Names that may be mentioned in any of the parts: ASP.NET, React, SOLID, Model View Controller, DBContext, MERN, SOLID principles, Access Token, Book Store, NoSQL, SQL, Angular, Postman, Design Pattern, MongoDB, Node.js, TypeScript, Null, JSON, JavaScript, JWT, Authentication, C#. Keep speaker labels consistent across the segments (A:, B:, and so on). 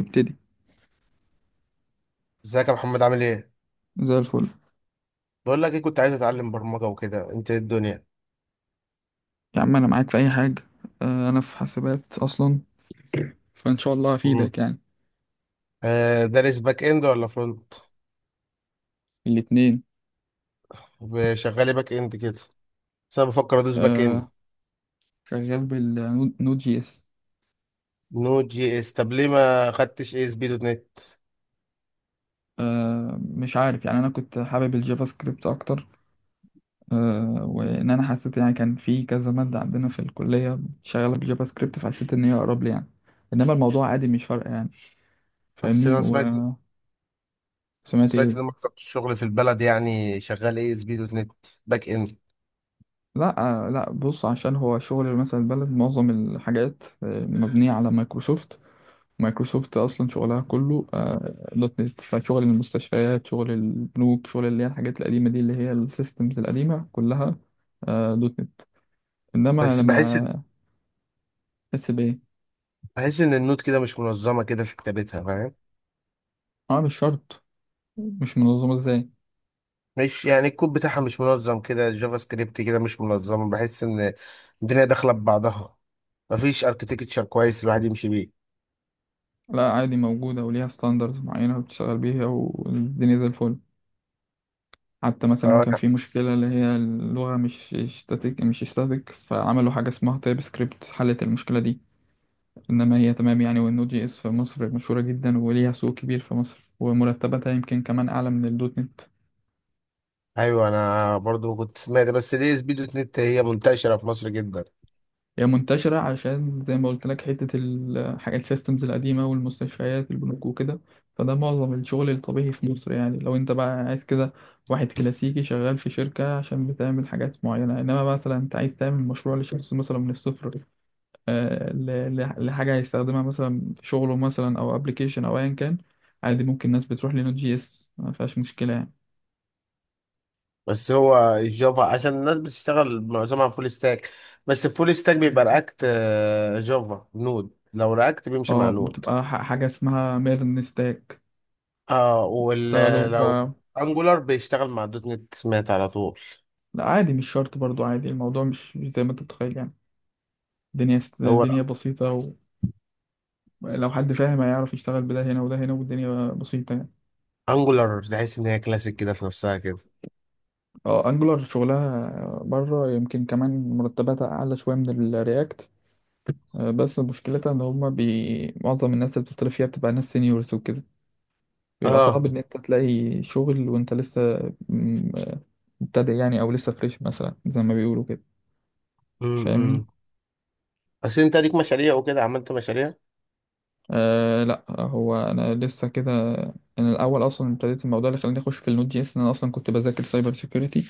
A: ابتدي.
B: ازيك يا محمد عامل ايه؟
A: زي الفل.
B: بقول لك ايه، كنت عايز اتعلم برمجة وكده، انت ايه الدنيا؟
A: يا عم، انا معاك في اي حاجه. انا في حاسبات اصلا، فان شاء الله
B: مم.
A: هفيدك يعني.
B: آه، دارس باك اند ولا فرونت؟
A: الاتنين.
B: شغال ايه؟ باك اند كده؟ بس انا بفكر ادوس باك اند.
A: آه، شغال بالنود جي اس.
B: نود جي اس؟ طب ليه ما خدتش اي اس بي دوت نت؟
A: مش عارف يعني، انا كنت حابب الجافا سكريبت اكتر. وان انا حسيت يعني، كان في كذا ماده عندنا في الكليه شغاله بالجافا سكريبت، فحسيت ان هي اقرب لي يعني. انما الموضوع عادي، مش فارقه يعني.
B: بس
A: فاهمني
B: انا سمعت
A: وسمعت.
B: سمعت
A: ايه.
B: ان مكتب الشغل في البلد يعني شغال اي اس بي دوت نت، باك اند.
A: لا. لا بص، عشان هو شغل مثلا البلد معظم الحاجات مبنيه على مايكروسوفت. مايكروسوفت اصلا شغلها كله دوت نت، فشغل المستشفيات شغل البنوك شغل اللي هي الحاجات القديمه دي اللي هي السيستمز القديمه كلها دوت نت. انما
B: بس بحس
A: لما تحس بايه؟
B: بحس ان النود كده مش منظمة كده في كتابتها، فاهم؟
A: اه، مش شرط. مش منظمه ازاي؟
B: مش يعني الكود بتاعها مش منظم كده، الجافا سكريبت كده مش منظم، بحس ان الدنيا داخله ببعضها، مفيش اركتكتشر كويس الواحد يمشي بيه.
A: لا عادي، موجوده وليها ستاندرز معينه بتشتغل بيها والدنيا زي الفل. حتى مثلا
B: اه
A: كان
B: لا.
A: في مشكله اللي هي اللغه مش ستاتيك، مش ستاتيك، فعملوا حاجه اسمها تايب سكريبت حلت المشكله دي. انما هي تمام يعني. والنود جي اس في مصر مشهوره جدا وليها سوق كبير في مصر، ومرتباتها يمكن كمان اعلى من الدوت نت.
B: ايوه انا برضو كنت سمعت، بس دي اس بي دوت نت هي منتشره في مصر جدا.
A: هي منتشره عشان زي ما قلت لك، حته الحاجات السيستمز القديمه والمستشفيات البنوك وكده، فده معظم الشغل الطبيعي في مصر يعني. لو انت بقى عايز كده واحد كلاسيكي شغال في شركه عشان بتعمل حاجات معينه. انما مثلا انت عايز تعمل مشروع لشخص مثلا من الصفر، لحاجه هيستخدمها مثلا في شغله، مثلا او ابلكيشن او ايا كان. عادي ممكن ناس بتروح لنود جي اس، ما فيهاش مشكله يعني.
B: بس هو الجافا عشان الناس بتشتغل معظمها فول ستاك، بس الفول ستاك بيبقى رياكت. جافا نود، لو رياكت بيمشي مع
A: اه،
B: نود.
A: بتبقى حاجة اسمها ميرن ستاك.
B: اه
A: بيشتغلوا ب
B: ولو انجولار بيشتغل مع دوت نت سمعت على طول.
A: لا عادي مش شرط برضو. عادي الموضوع مش زي ما انت متخيل يعني.
B: هو
A: الدنيا بسيطة. ولو حد فاهم، هيعرف يشتغل بده هنا وده هنا، والدنيا بسيطة يعني.
B: انجولار تحس ان هي كلاسيك كده في نفسها كده.
A: اه انجولار شغلها بره يمكن كمان مرتباتها اعلى شوية من الرياكت. بس مشكلتها ان هما معظم الناس اللي بتطلب فيها بتبقى ناس سينيورز وكده. بيبقى
B: اه،
A: صعب ان انت تلاقي شغل وانت لسه م- مبتدئ يعني، او لسه فريش مثلا زي ما بيقولوا كده. فاهمني.
B: إمم. بس انت ليك مشاريع وكده؟ عملت مشاريع؟
A: أه لا، هو انا لسه كده. انا الاول اصلا ابتديت الموضوع اللي خلاني اخش في النوت جي اس، ان انا اصلا كنت بذاكر سايبر سيكيورتي.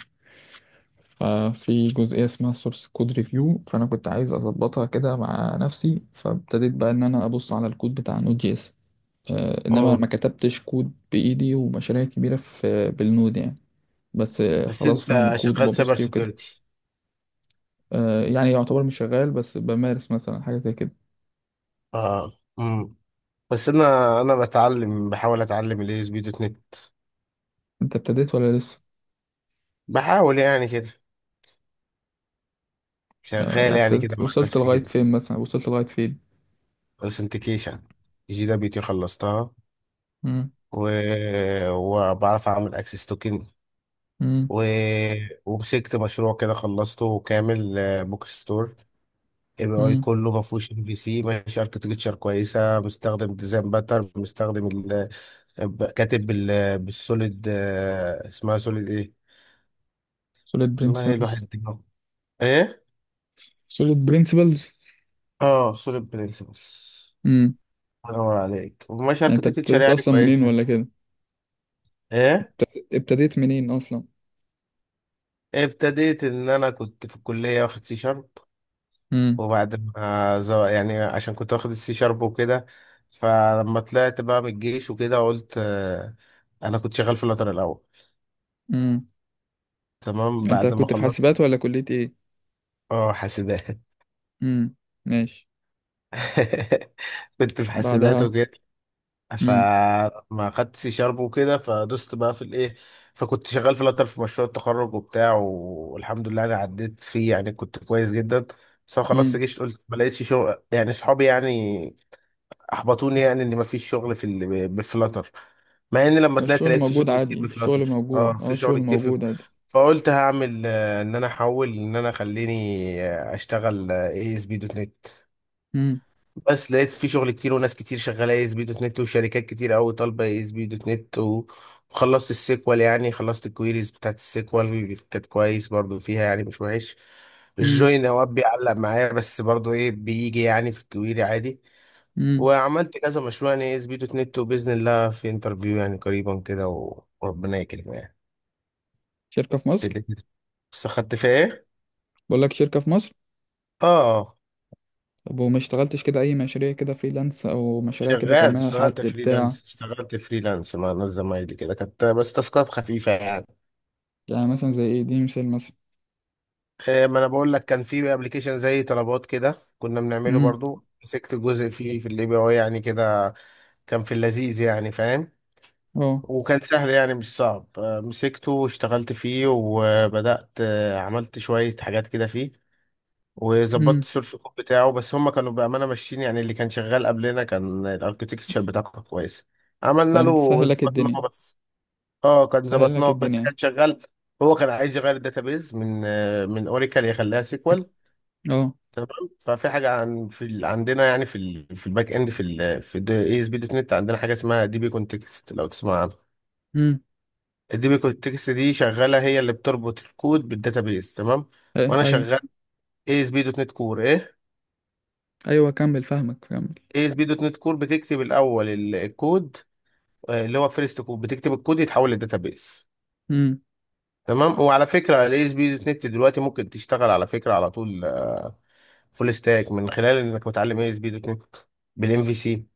A: ففي جزئيه اسمها سورس كود ريفيو، فانا كنت عايز اظبطها كده مع نفسي، فابتديت بقى ان انا ابص على الكود بتاع نوت جي اس. أه، انما
B: اه،
A: ما كتبتش كود بايدي ومشاريع كبيره في بالنود يعني. بس
B: بس
A: خلاص فاهم
B: انت
A: الكود
B: شغال
A: وببص
B: سايبر
A: فيه وكده.
B: سيكيورتي؟
A: أه يعني يعتبر مش شغال، بس بمارس مثلا حاجه زي كده.
B: اه امم. بس انا بتعلم، بحاول اتعلم الاي اس بي دوت نت.
A: انت ابتديت ولا لسه؟
B: بحاول يعني كده،
A: أه يعني
B: شغال يعني كده
A: ابتديت.
B: مع
A: وصلت
B: نفسي
A: لغايه
B: كده.
A: فين مثلا؟ وصلت لغايه فين؟
B: اوثنتيكيشن، جي دبليو تي خلصتها،
A: مم.
B: و... وبعرف اعمل اكسس توكن،
A: مم.
B: و... ومسكت مشروع كده خلصته كامل، بوك ستور. ام اي
A: مم.
B: كله، ما فيهوش ام في سي، ماشي اركتكتشر كويسه، مستخدم ديزاين باتر، مستخدم كاتب بالسوليد، اسمها سوليد ايه؟
A: solid
B: والله
A: principles.
B: الواحد دماغه. ايه؟
A: solid principles.
B: اه سوليد برنسبلز.
A: مم.
B: انور عليك، وماشي
A: يعني انت
B: اركتكتشر
A: ابتديت
B: يعني
A: اصلا منين
B: كويسه.
A: ولا كده؟
B: ايه،
A: ابتديت منين اصلا؟
B: ابتديت ان انا كنت في الكليه واخد سي شارب،
A: مم.
B: وبعد ما ز- يعني عشان كنت واخد السي شارب وكده، فلما طلعت بقى من الجيش وكده قلت انا كنت شغال في اللاتر الاول.
A: مم.
B: تمام،
A: انت
B: بعد ما
A: كنت في
B: خلصت.
A: حاسبات ولا كلية ايه؟
B: اه حاسبات
A: مم. ماشي.
B: كنت في حاسبات
A: بعدها؟
B: وكده،
A: مم.
B: فما خدتش شرب وكده، فدست بقى في الايه. فكنت شغال في لاتر في مشروع التخرج وبتاع، والحمد لله انا عديت فيه يعني، كنت كويس جدا. بس أنا خلصت
A: مم.
B: جيش، قلت ما لقيتش شغل يعني، اصحابي يعني احبطوني يعني ان ما فيش شغل في بفلاتر. مع ان لما طلعت
A: الشغل
B: لقيت في
A: موجود
B: شغل كتير
A: عادي، الشغل
B: بفلاتر، اه
A: موجود، اه
B: في
A: الشغل
B: شغل كتير في.
A: موجود عادي.
B: فقلت هعمل، ان انا احول، ان انا خليني اشتغل اي اس بي دوت نت.
A: مم.
B: بس لقيت في شغل كتير وناس كتير شغاله اي اس بي دوت نت، وشركات كتير قوي طالبه اي اس بي دوت نت وخلصت السيكوال، يعني خلصت الكويريز بتاعت السيكوال، كانت كويس برضو فيها يعني، مش وحش.
A: مم.
B: الجوين اوقات بيعلق معايا، بس برضو ايه، بيجي يعني في الكويري عادي.
A: مم.
B: وعملت كذا مشروع يعني اي اس بي دوت نت، وباذن الله في انترفيو يعني قريبا كده، وربنا يكرم يعني.
A: شركة في
B: في
A: مصر؟
B: الاتنين. بس خدت فيها ايه؟
A: بقول لك شركة في مصر.
B: اه،
A: طب وما اشتغلتش كده اي مشاريع، كده فريلانس او مشاريع كده
B: شغال،
A: تعملها
B: اشتغلت
A: لحد بتاع؟
B: فريلانس اشتغلت فريلانس مع ناس زمايلي كده، كانت بس تاسكات خفيفة يعني.
A: يعني مثلا زي ايه؟ دي مثال مثلا.
B: ما انا بقول لك، كان في ابلكيشن زي طلبات كده كنا بنعمله،
A: امم.
B: برضو مسكت جزء فيه في الاي بي اي يعني كده. كان في اللذيذ يعني، فاهم؟
A: اه.
B: وكان سهل يعني، مش صعب، مسكته واشتغلت فيه، وبدأت عملت شوية حاجات كده فيه، وظبطت السورس كود بتاعه. بس هم كانوا بأمانة ماشيين يعني، اللي كان شغال قبلنا كان الاركتكتشر بتاعه كان كويس، عملنا
A: فانت
B: له
A: سهل لك الدنيا.
B: ظبطناه بس. اه كان
A: سهل لك
B: ظبطناه
A: الدنيا
B: بس،
A: يعني.
B: كان شغال. هو كان عايز يغير الداتابيز من من اوريكل يخليها سيكوال.
A: اه.
B: تمام. ففي حاجه عن في ال... عندنا يعني في الباك اند في اي اس بي دوت نت عندنا حاجه اسمها دي بي كونتكست، لو تسمع عنها.
A: امم.
B: الدي بي كونتكست دي شغاله، هي اللي بتربط الكود بالداتابيس. تمام.
A: ايه.
B: وانا
A: ايوه.
B: شغال اي اس بي دوت نت كور، ايه.
A: ايوه كمل، فاهمك، كمل.
B: اي اس بي دوت نت كور بتكتب الاول الكود، اللي هو فيرست كود، بتكتب الكود يتحول للداتابيس.
A: امم.
B: تمام. وعلى فكره الاي اس بي دوت نت دلوقتي ممكن تشتغل على فكره على طول فول ستاك، من خلال انك متعلم اي اس بي دوت نت بالام في سي،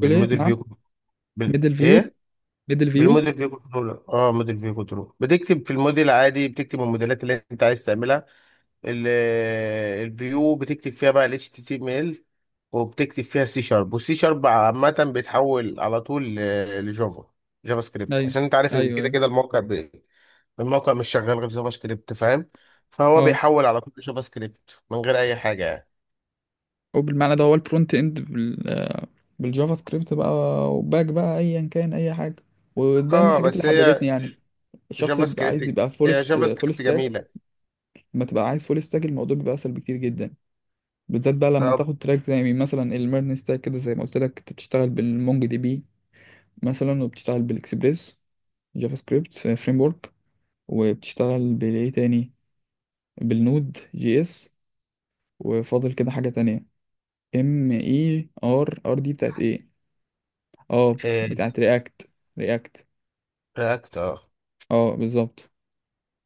A: تقول ايه، نعم؟
B: فيو،
A: ميدل فيو.
B: ايه،
A: ميدل فيو.
B: بالموديل فيو كنترول. اه، موديل فيو كنترول، بتكتب في الموديل عادي، بتكتب الموديلات اللي انت عايز تعملها. ال- الفيو بتكتب فيها بقى ال HTML، وبتكتب فيها سي شارب، والسي شارب عامة بيتحول على طول لجافا، جافا سكريبت،
A: ايوه.
B: عشان انت عارف ان
A: ايوه.
B: كده
A: ايوه.
B: كده الموقع الموقع مش شغال غير جافا سكريبت، فاهم؟ فهو
A: اه.
B: بيحول على طول لجافا سكريبت من غير اي حاجة يعني.
A: او بالمعنى ده، هو الفرونت اند بالجافا سكريبت بقى، وباك بقى ايا كان اي حاجه. وده من
B: اه
A: الحاجات اللي
B: بس
A: حببتني
B: هي،
A: يعني. الشخص
B: جافا
A: اللي بيبقى عايز
B: سكريبت،
A: يبقى فول،
B: هي جافا
A: فول
B: سكريبت
A: ستاك.
B: جميلة.
A: لما تبقى عايز فول ستاك الموضوع بيبقى اسهل بكتير جدا، بالذات بقى لما
B: اه،
A: تاخد تراك زي مثلا الميرن ستاك كده، زي ما قلت لك انت بتشتغل بالمونج دي بي مثلا، وبتشتغل بالاكسبريس، جافا سكريبت فريم ورك، وبتشتغل بالايه تاني؟ بالنود جي اس. وفاضل كده حاجة تانية. ام اي ار ار دي بتاعت ايه؟ اه،
B: آه،
A: بتاعت رياكت. رياكت.
B: رياكت. اه.
A: اه بالظبط.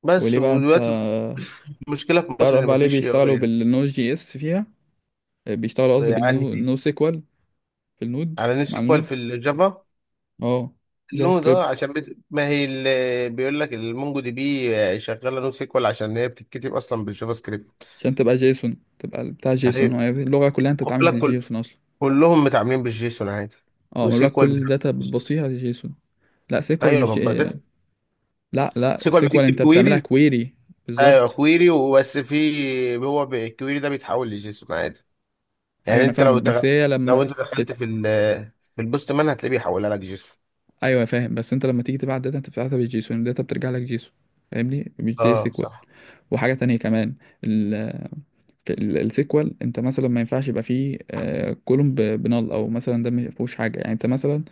B: بس
A: وليه بقى انت
B: ودلوقتي مشكلة في مصر
A: تعرف
B: ان
A: عليه
B: مفيش اي
A: بيشتغلوا
B: اي
A: بالنود جي اس فيها؟ بيشتغلوا قصدي
B: يعني،
A: بالنيو
B: دي
A: نو سيكوال، في النود.
B: على
A: مع
B: نسيكوال
A: النود.
B: في الجافا.
A: اه، جافا
B: نو، ده
A: سكريبت.
B: عشان ما هي اللي بيقول لك المونجو دي بي شغاله نو سيكوال، عشان هي بتتكتب اصلا بالجافا سكريبت.
A: عشان تبقى جيسون، تبقى بتاع جيسون،
B: يعني
A: هي اللغة كلها انت
B: خد
A: بتتعامل
B: بالك،
A: بالجيسون اصلا.
B: كلهم متعاملين بالجيسون عادي.
A: اه، مبلغ
B: وسيكوال
A: كل
B: بتتعامل
A: الداتا
B: بالجيسون.
A: بتبصيها جيسون. لا سيكوال
B: ايوه، ما
A: مش،
B: بقى-
A: لا لا،
B: سيكوال
A: سيكوال
B: بتكتب
A: انت بتعملها
B: كويريز.
A: كويري.
B: ايوه،
A: بالظبط.
B: كويري وبس، في هو الكويري ده بيتحول لجيسون عادي.
A: ايوه
B: يعني
A: انا
B: انت
A: فاهمك، بس هي
B: لو
A: لما
B: انت دخلت
A: بت...
B: في البوست مان هتلاقيه بيحولها لك جيسون.
A: ايوه فاهم. بس انت لما تيجي تبعت داتا انت بتبعتها بالجيسون، الداتا بترجع لك جيسون. فاهمني، مش جي
B: اه
A: سيكوال.
B: صح.
A: وحاجه تانية كمان، ال... السيكوال انت مثلا ما ينفعش يبقى فيه آه كولوم بنال، او مثلا ده ما فيهوش حاجه يعني. انت مثلا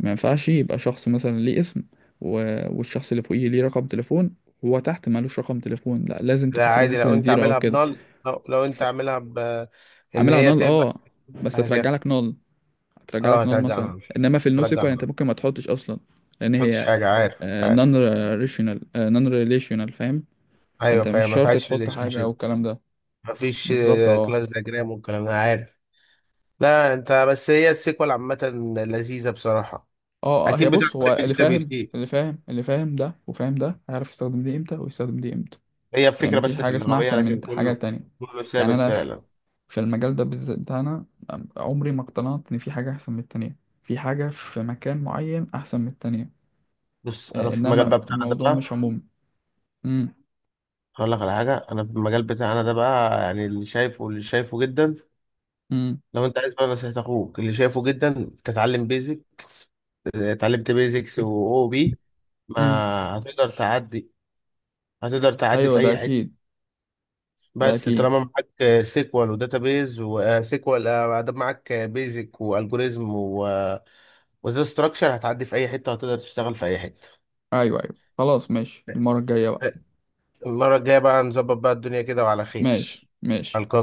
A: ما ينفعش يبقى شخص مثلا ليه اسم و... والشخص اللي فوقيه ليه رقم تليفون، هو تحت مالوش رقم تليفون، لا لازم
B: لا
A: تحط له
B: عادي، لو
A: مثلا
B: انت
A: زيرو او
B: عاملها
A: كده.
B: بنال، لو انت
A: ف-
B: عاملها ب ان
A: عاملها
B: هي
A: نال
B: تبقى،
A: اه، بس هترجع
B: هتاخد،
A: لك نال، هترجع
B: اه
A: لك نار
B: هترجع
A: مثلا.
B: نال.
A: انما في
B: ترجع
A: النوسيكوال
B: نال،
A: انت
B: ما
A: ممكن ما تحطش اصلا، لان
B: تحطش
A: هي
B: حاجه. عارف، عارف.
A: نون ريليشنال. نون ريليشنال، فاهم.
B: ايوه
A: فانت مش
B: فاهم، ما
A: شرط
B: فيهاش
A: تحط
B: ريليشن
A: حاجه او
B: شيب،
A: الكلام ده.
B: ما فيش
A: بالظبط. اه.
B: كلاس دياجرام والكلام ده، عارف. لا انت بس هي السيكوال عامه لذيذه بصراحه.
A: اه. هي
B: اكيد بتاع
A: بص، هو اللي
B: جي بي
A: فاهم
B: تي،
A: ده وفاهم ده هيعرف يستخدم دي امتى ويستخدم دي امتى.
B: هي
A: يعني
B: الفكره
A: مفيش
B: بس في
A: حاجه اسمها
B: اللغويه،
A: احسن من
B: لكن
A: حاجه
B: كله،
A: تانية.
B: كله
A: يعني
B: ثابت
A: انا في
B: فعلا.
A: المجال ده بالذات بتاعنا، عمري ما اقتنعت ان في حاجه احسن من التانية، في حاجه في مكان معين احسن من التانية.
B: بص، انا في المجال بقى
A: انما
B: بتاعنا ده
A: الموضوع مش
B: بقى،
A: عمومي. امم.
B: هقول لك على حاجه. انا في المجال بتاعنا ده بقى يعني، اللي شايفه، اللي شايفه جدا،
A: امم.
B: لو انت عايز بقى نصيحة اخوك اللي شايفه جدا، تتعلم بيزكس. اتعلمت بيزكس واو بي، ما
A: امم.
B: هتقدر تعدي. هتقدر تعدي
A: ايوه
B: في
A: ده
B: اي حتة.
A: اكيد. ده
B: بس
A: اكيد.
B: طالما معاك سيكوال وداتابيز، وسيكوال ادب، معاك بيزك والجوريزم وداتا ستراكشر، هتعدي في اي حتة، وهتقدر تشتغل في اي حتة.
A: ايوه ايوه خلاص، ماشي، المرة الجاية بقى.
B: المرة الجاية بقى نظبط بقى الدنيا كده، وعلى خير.
A: ماشي
B: على
A: ماشي.
B: الكافي.